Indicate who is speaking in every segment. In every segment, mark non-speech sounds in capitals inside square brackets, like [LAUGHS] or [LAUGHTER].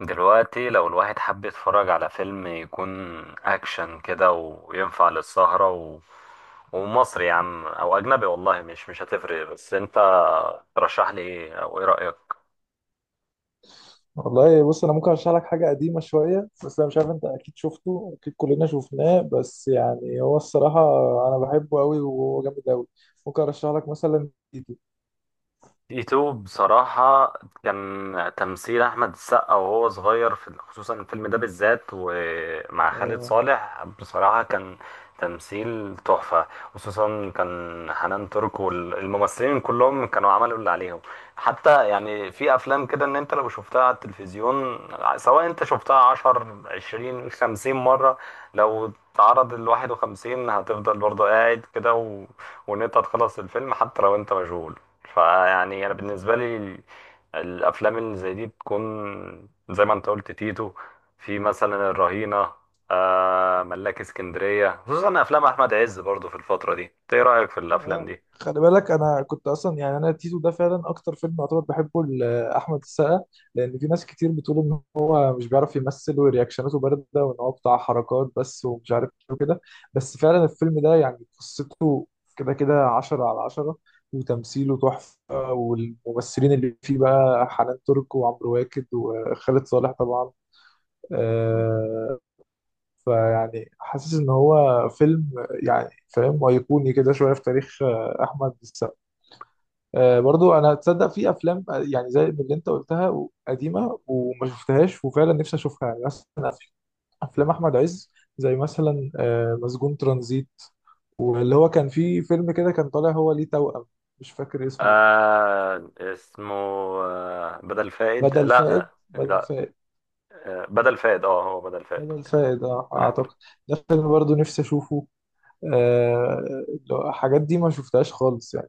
Speaker 1: دلوقتي لو الواحد حب يتفرج على فيلم يكون اكشن كده وينفع للسهرة ومصري يا عم او اجنبي، والله مش هتفرق، بس انت ترشح لي ايه؟ او ايه رأيك؟
Speaker 2: والله بص، انا ممكن ارشح لك حاجه قديمه شويه. بس انا مش عارف، انت اكيد شفته، اكيد كلنا شفناه. بس يعني هو الصراحه انا بحبه قوي وهو جامد قوي. ممكن ارشح لك مثلا تيتو.
Speaker 1: ايتو بصراحة، كان تمثيل أحمد السقا وهو صغير في خصوصا الفيلم ده بالذات ومع خالد
Speaker 2: آه.
Speaker 1: صالح بصراحة كان تمثيل تحفة. خصوصا كان حنان ترك والممثلين كلهم كانوا عملوا اللي عليهم. حتى يعني في أفلام كده إن أنت لو شفتها على التلفزيون، سواء أنت شفتها عشر عشرين خمسين مرة، لو تعرض الواحد وخمسين هتفضل برضه قاعد كده وإن أنت تخلص الفيلم حتى لو أنت مشغول. فيعني انا بالنسبه لي الافلام اللي زي دي بتكون زي ما انت قلت تيتو، في مثلا الرهينه، آه ملاك اسكندريه، خصوصا افلام احمد عز برضو في الفتره دي. إنت ايه رايك في الافلام
Speaker 2: اه،
Speaker 1: دي؟
Speaker 2: خلي بالك، انا كنت اصلا يعني انا تيتو ده فعلا اكتر فيلم يعتبر بحبه لاحمد السقا، لان في ناس كتير بتقول ان هو مش بيعرف يمثل ورياكشناته بارده وان هو بتاع حركات بس ومش عارف ايه وكده. بس فعلا الفيلم ده يعني قصته كده كده عشرة على عشرة، وتمثيله تحفه، والممثلين اللي فيه بقى حنان ترك وعمرو واكد وخالد صالح طبعا. آه، فيعني حاسس ان هو فيلم، يعني فاهم، ايقوني كده شويه في تاريخ احمد السقا. برضو انا تصدق في افلام يعني زي اللي انت قلتها قديمه وما شفتهاش، وفعلا نفسي اشوفها. يعني مثلا في افلام احمد عز، زي مثلا مسجون ترانزيت، واللي هو كان فيه فيلم كده كان طالع هو ليه توأم، مش فاكر اسمه.
Speaker 1: آه اسمه، آه بدل فائد،
Speaker 2: بدل فائد،
Speaker 1: لا
Speaker 2: بدل
Speaker 1: لا،
Speaker 2: فائد،
Speaker 1: آه بدل فائد، اه هو بدل فائد.
Speaker 2: بدل فائد اه
Speaker 1: آه.
Speaker 2: اعتقد. ده فيلم برضو نفسي اشوفه. آه، الحاجات دي ما شفتهاش خالص يعني.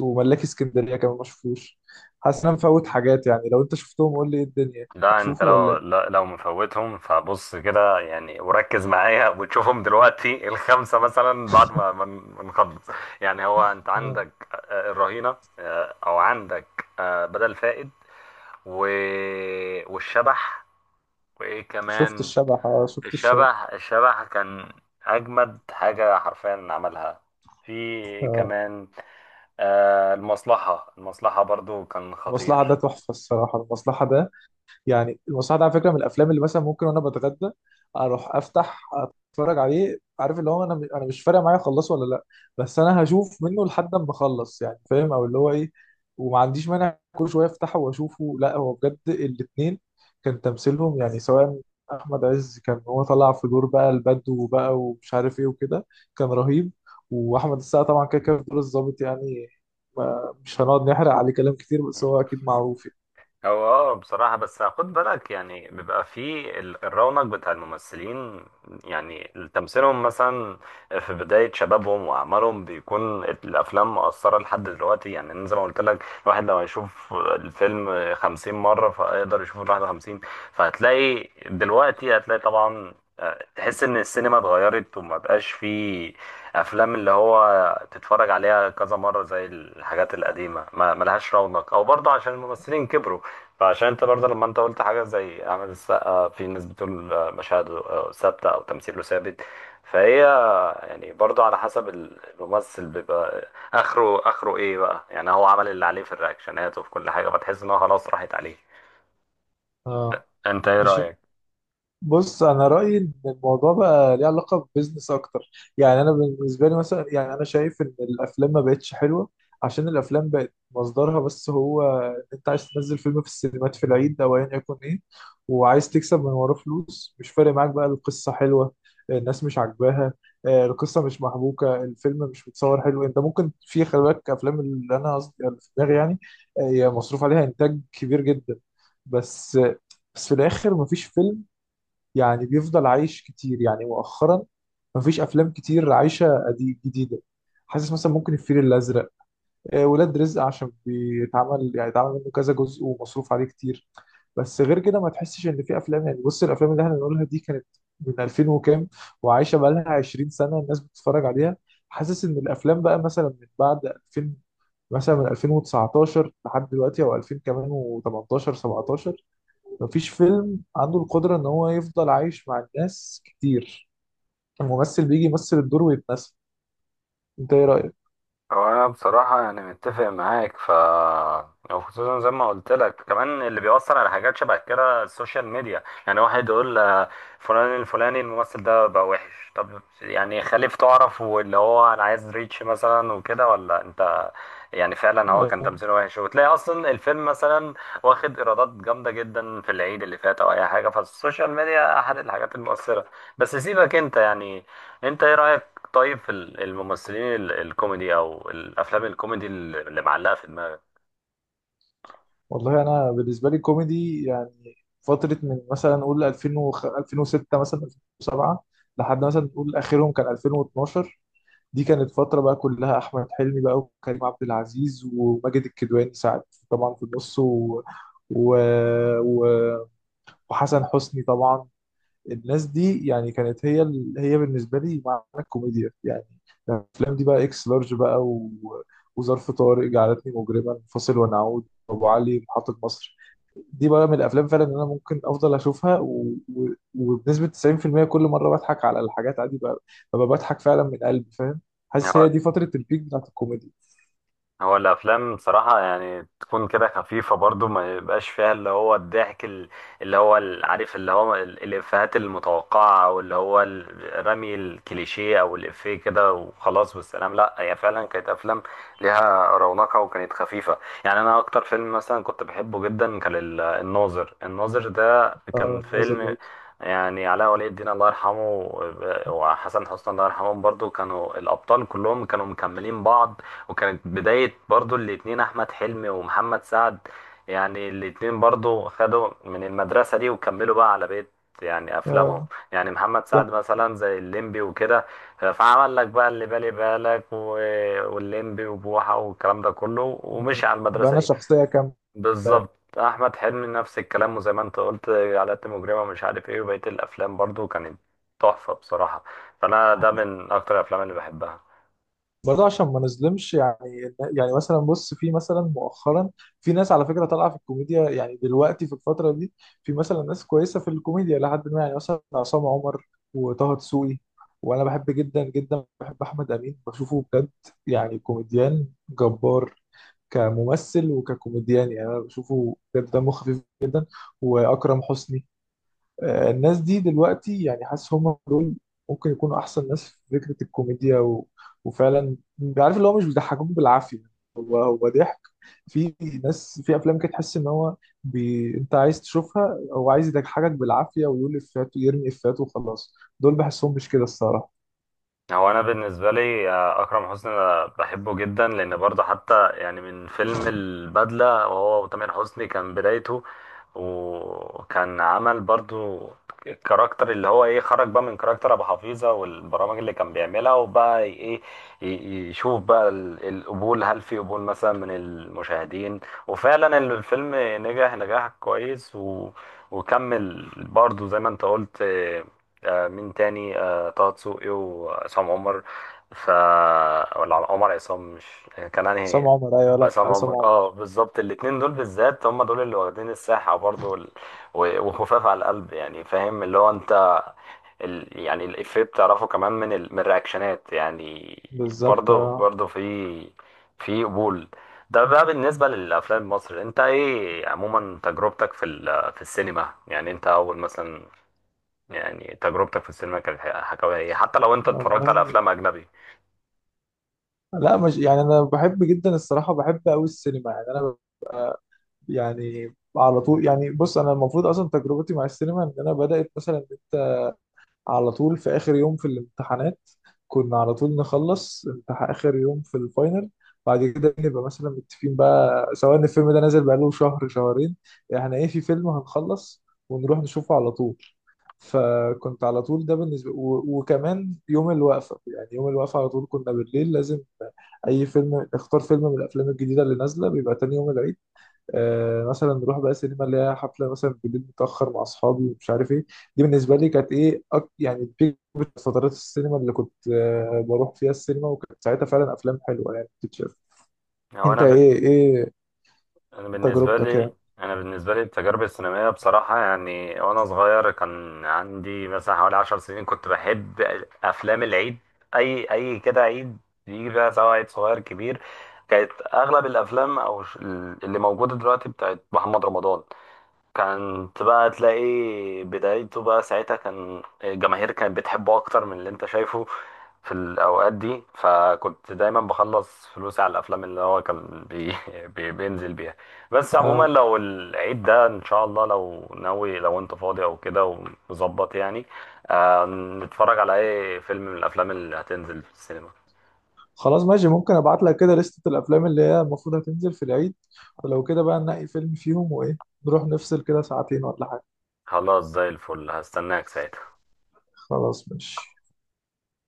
Speaker 2: وملاك اسكندرية كمان ما شفتوش. حاسس ان انا مفوت حاجات. يعني لو انت شفتهم قول لي، ايه الدنيا
Speaker 1: لا انت
Speaker 2: اشوفه ولا
Speaker 1: لو
Speaker 2: ايه؟
Speaker 1: لا- لو مفوتهم، فبص كده يعني وركز معايا وتشوفهم دلوقتي الخمسه مثلا بعد ما نخلص. يعني هو انت
Speaker 2: آه،
Speaker 1: عندك الرهينه، او عندك بدل فائد و... والشبح، وايه
Speaker 2: شفت
Speaker 1: كمان؟
Speaker 2: الشبح، اه شفت الشبح.
Speaker 1: الشبح، الشبح كان اجمد حاجه حرفيا عملها. في
Speaker 2: آه،
Speaker 1: كمان المصلحه برضو كان
Speaker 2: المصلحة ده
Speaker 1: خطير.
Speaker 2: تحفة الصراحة. المصلحة ده يعني المصحف ده على فكره من الافلام اللي مثلا ممكن وانا بتغدى اروح افتح اتفرج عليه، عارف اللي هو انا مش فارق معايا اخلصه ولا لا. بس انا هشوف منه لحد ما اخلص، يعني فاهم، او اللي هو ايه. وما عنديش مانع كل شويه افتحه واشوفه. لا، هو بجد الاثنين كان تمثيلهم يعني، سواء احمد عز كان هو طلع في دور بقى البدو بقى ومش عارف ايه وكده، كان رهيب. واحمد السقا طبعا كده كده في دور الظابط، يعني مش هنقعد نحرق عليه كلام كتير، بس هو اكيد معروف يعني.
Speaker 1: هو اه بصراحة بس خد بالك، يعني بيبقى في الرونق بتاع الممثلين، يعني تمثيلهم مثلا في بداية شبابهم وأعمارهم بيكون الأفلام مؤثرة لحد دلوقتي. يعني أنا زي ما قلت لك، الواحد لو هيشوف الفيلم 50 مرة فهيقدر يشوفه الـ51. فهتلاقي دلوقتي، هتلاقي طبعا تحس إن السينما اتغيرت وما بقاش في أفلام اللي هو تتفرج عليها كذا مرة زي الحاجات القديمة، ما ملهاش رونق، أو برضه عشان الممثلين كبروا. فعشان انت برضه لما انت قلت حاجه زي اعمل السقا، في ناس بتقول مشاهد ثابته او تمثيله ثابت. فهي يعني برضه على حسب الممثل، بيبقى اخره اخره ايه بقى، يعني هو عمل اللي عليه في الرياكشنات وفي كل حاجه، فتحس ان هو خلاص راحت عليه.
Speaker 2: اه،
Speaker 1: انت ايه
Speaker 2: مش
Speaker 1: رايك؟
Speaker 2: بص انا رايي ان الموضوع بقى ليه علاقه ببزنس اكتر. يعني انا بالنسبه لي مثلا، يعني انا شايف ان الافلام ما بقتش حلوه عشان الافلام بقت مصدرها بس هو انت عايز تنزل فيلم في السينمات في العيد او ايا يكن ايه، وعايز تكسب من وراه فلوس. مش فارق معاك بقى القصه حلوه، الناس مش عاجباها، القصه مش محبوكه، الفيلم مش متصور حلو. انت ممكن، في خلي بالك افلام اللي انا قصدي اللي في دماغي يعني، هي مصروف عليها انتاج كبير جدا. بس بس في الاخر مفيش فيلم يعني بيفضل عايش كتير. يعني مؤخرا مفيش افلام كتير عايشه قديم جديده. حاسس مثلا ممكن الفيل الازرق، ولاد رزق عشان بيتعمل، يعني اتعمل منه كذا جزء ومصروف عليه كتير. بس غير كده ما تحسش ان في افلام. يعني بص الافلام اللي احنا بنقولها دي كانت من 2000 وكام وعايشه بقى لها 20 سنه الناس بتتفرج عليها. حاسس ان الافلام بقى مثلا من بعد 2000، مثلا من 2019 لحد دلوقتي او 2000 كمان و18 17، مفيش فيلم عنده القدرة ان هو يفضل عايش مع الناس كتير. الممثل بيجي يمثل الدور ويتنسى. انت ايه رأيك؟
Speaker 1: هو انا بصراحه يعني متفق معاك، وخصوصا زي ما قلت لك كمان اللي بيأثر على حاجات شبه كده السوشيال ميديا، يعني واحد يقول فلان الفلاني الممثل ده بقى وحش. طب يعني خليف تعرف، واللي هو انا عايز ريتش مثلا وكده، ولا انت يعني فعلا هو كان
Speaker 2: آه.
Speaker 1: تمثيله وحش، وتلاقي اصلا الفيلم مثلا واخد ايرادات جامده جدا في العيد اللي فات او اي حاجه، فالسوشيال ميديا احد الحاجات المؤثره. بس سيبك انت يعني، انت ايه رأيك؟ طيب في الممثلين الكوميدي او الافلام الكوميدي اللي معلقه في دماغك؟
Speaker 2: والله انا بالنسبة لي كوميدي يعني فترة من مثلا نقول 2000 2006 مثلا 2007 لحد مثلا نقول اخرهم كان 2012. دي كانت فترة بقى كلها أحمد حلمي بقى وكريم عبد العزيز وماجد الكدواني، ساعات طبعا في النص، و... و... وحسن حسني طبعا. الناس دي يعني كانت هي هي بالنسبه لي معنى الكوميديا، يعني الافلام دي بقى اكس لارج بقى وظرف طارق، جعلتني مجرما، فاصل ونعود، ابو علي، محطه مصر. دي بقى من الافلام فعلا ان انا ممكن افضل اشوفها وبنسبه 90% كل مره بضحك على الحاجات عادي بقى. ببقى بضحك فعلا من قلبي، فاهم، حاسس هي دي فتره البيك بتاعت الكوميديا.
Speaker 1: هو الافلام بصراحه يعني تكون كده خفيفه برضو، ما يبقاش فيها اللي هو الضحك اللي هو عارف اللي هو الافيهات المتوقعه، او اللي هو رمي الكليشيه او الافيه كده وخلاص والسلام. لا، هي فعلا كانت افلام ليها رونقها وكانت خفيفه. يعني انا اكتر فيلم مثلا كنت بحبه جدا كان الناظر، الناظر ده
Speaker 2: آه،
Speaker 1: كان
Speaker 2: الناظر
Speaker 1: فيلم.
Speaker 2: برضه.
Speaker 1: يعني علاء ولي الدين الله يرحمه، وحسن حسني الله يرحمهم برضو، كانوا الابطال كلهم كانوا مكملين بعض. وكانت بداية برضو الاتنين أحمد حلمي ومحمد سعد، يعني الاتنين برضو خدوا من المدرسة دي وكملوا بقى على بقية يعني أفلامهم.
Speaker 2: آه،
Speaker 1: يعني محمد سعد
Speaker 2: يعني
Speaker 1: مثلا زي الليمبي وكده، فعمل لك بقى اللي بالي بالك والليمبي وبوحة والكلام ده كله، ومشي على
Speaker 2: بقى
Speaker 1: المدرسة
Speaker 2: انا
Speaker 1: دي.
Speaker 2: شخصيه كامله.
Speaker 1: بالظبط أحمد حلمي نفس الكلام، وزي ما أنت قلت عادات مجرمة مش عارف إيه، وبقية الأفلام برضو كانت تحفة بصراحة. فأنا ده من أكتر الأفلام اللي بحبها.
Speaker 2: برضه عشان ما نظلمش يعني، يعني مثلا بص في مثلا مؤخرا في ناس على فكره طالعه في الكوميديا، يعني دلوقتي في الفتره دي في مثلا ناس كويسه في الكوميديا لحد ما، يعني مثلا عصام عمر وطه دسوقي. وانا بحب جدا جدا، بحب احمد امين بشوفه بجد، يعني كوميديان جبار، كممثل وككوميديان. يعني انا بشوفه بجد، دمه خفيف جدا. واكرم حسني. آه، الناس دي دلوقتي يعني حاسس هم دول ممكن يكونوا احسن ناس في فكره الكوميديا، و... وفعلا عارف اللي هو مش بيضحكوك بالعافيه. هو ضحك. في ناس في افلام كده تحس ان هو انت عايز تشوفها، هو عايز يضحكك بالعافيه ويقول افيهات ويرمي افيهات وخلاص. دول بحسهم مش كده الصراحه.
Speaker 1: هو انا بالنسبه لي اكرم حسني أنا بحبه جدا، لان برضه حتى يعني من فيلم البدله وهو وتامر حسني كان بدايته، وكان عمل برضه الكاركتر اللي هو ايه، خرج بقى من كاركتر ابو حفيظه والبرامج اللي كان بيعملها، وبقى ايه، يشوف بقى القبول، هل في قبول مثلا من المشاهدين. وفعلا الفيلم نجح نجاح كويس وكمل برضه زي ما انت قلت. مين تاني؟ طه دسوقي وعصام عمر. ف ولا عمر عصام؟ مش كان
Speaker 2: عصام
Speaker 1: انهي؟
Speaker 2: عمر، ايوه، لا
Speaker 1: عصام
Speaker 2: عصام
Speaker 1: عمر،
Speaker 2: عمر.
Speaker 1: اه بالظبط. الاتنين دول بالذات هم دول اللي واخدين الساحة برضو، وخفاف على القلب يعني، فاهم اللي هو انت يعني الإفيه بتعرفه كمان من من الرياكشنات يعني.
Speaker 2: بالظبط
Speaker 1: برضو
Speaker 2: آه.
Speaker 1: برضو في قبول. ده بقى بالنسبة للأفلام المصري، أنت إيه عموما تجربتك في في السينما؟ يعني أنت أول مثلا، يعني تجربتك في السينما كانت حكاويها ايه، حتى لو انت اتفرجت على
Speaker 2: والله
Speaker 1: افلام اجنبي؟
Speaker 2: لا مش يعني انا بحب جدا الصراحه، بحب قوي السينما. يعني انا يعني على طول، يعني بص انا المفروض اصلا تجربتي مع السينما ان انا بدات مثلا ان انت على طول في اخر يوم في الامتحانات كنا على طول نخلص امتحان اخر يوم في الفاينل. بعد كده نبقى مثلا متفقين بقى سواء ان الفيلم ده نازل بقاله شهر شهرين، احنا ايه في فيلم هنخلص ونروح نشوفه على طول. فكنت على طول ده بالنسبه، وكمان يوم الوقفه، يعني يوم الوقفه على طول كنا بالليل لازم اي فيلم، اختار فيلم من الافلام الجديده اللي نازله بيبقى تاني يوم العيد. مثلا نروح بقى سينما اللي هي حفله مثلا بالليل متاخر مع اصحابي ومش عارف ايه. دي بالنسبه لي كانت ايه، يعني بيك فترات السينما اللي كنت بروح فيها السينما، وكانت ساعتها فعلا افلام حلوه يعني بتتشاف.
Speaker 1: او
Speaker 2: انت
Speaker 1: انا ب...
Speaker 2: ايه،
Speaker 1: انا بالنسبه
Speaker 2: تجربتك
Speaker 1: لي
Speaker 2: يعني؟
Speaker 1: انا بالنسبه لي التجارب السينمائيه بصراحه يعني، وانا صغير كان عندي مثلا حوالي 10 سنين كنت بحب افلام العيد، اي كده عيد يجي بقى سواء عيد صغير كبير. كانت اغلب الافلام اللي موجوده دلوقتي بتاعت محمد رمضان، كانت بقى تلاقي بدايته بقى ساعتها كان الجماهير كانت بتحبه اكتر من اللي انت شايفه في الاوقات دي. فكنت دايما بخلص فلوسي على الافلام اللي هو كان [LAUGHS] بينزل بيها. بس عموما
Speaker 2: آه،
Speaker 1: لو العيد ده ان شاء الله لو ناوي لو انت فاضي او كده ومظبط يعني، آه، نتفرج على اي فيلم من الافلام اللي هتنزل في السينما.
Speaker 2: خلاص ماشي. ممكن ابعت لك كده لستة الافلام اللي هي المفروض هتنزل في العيد، ولو كده بقى ننقي فيلم فيهم وايه، نروح نفصل كده ساعتين ولا حاجه.
Speaker 1: خلاص زي الفل، هستناك ساعتها.
Speaker 2: خلاص ماشي.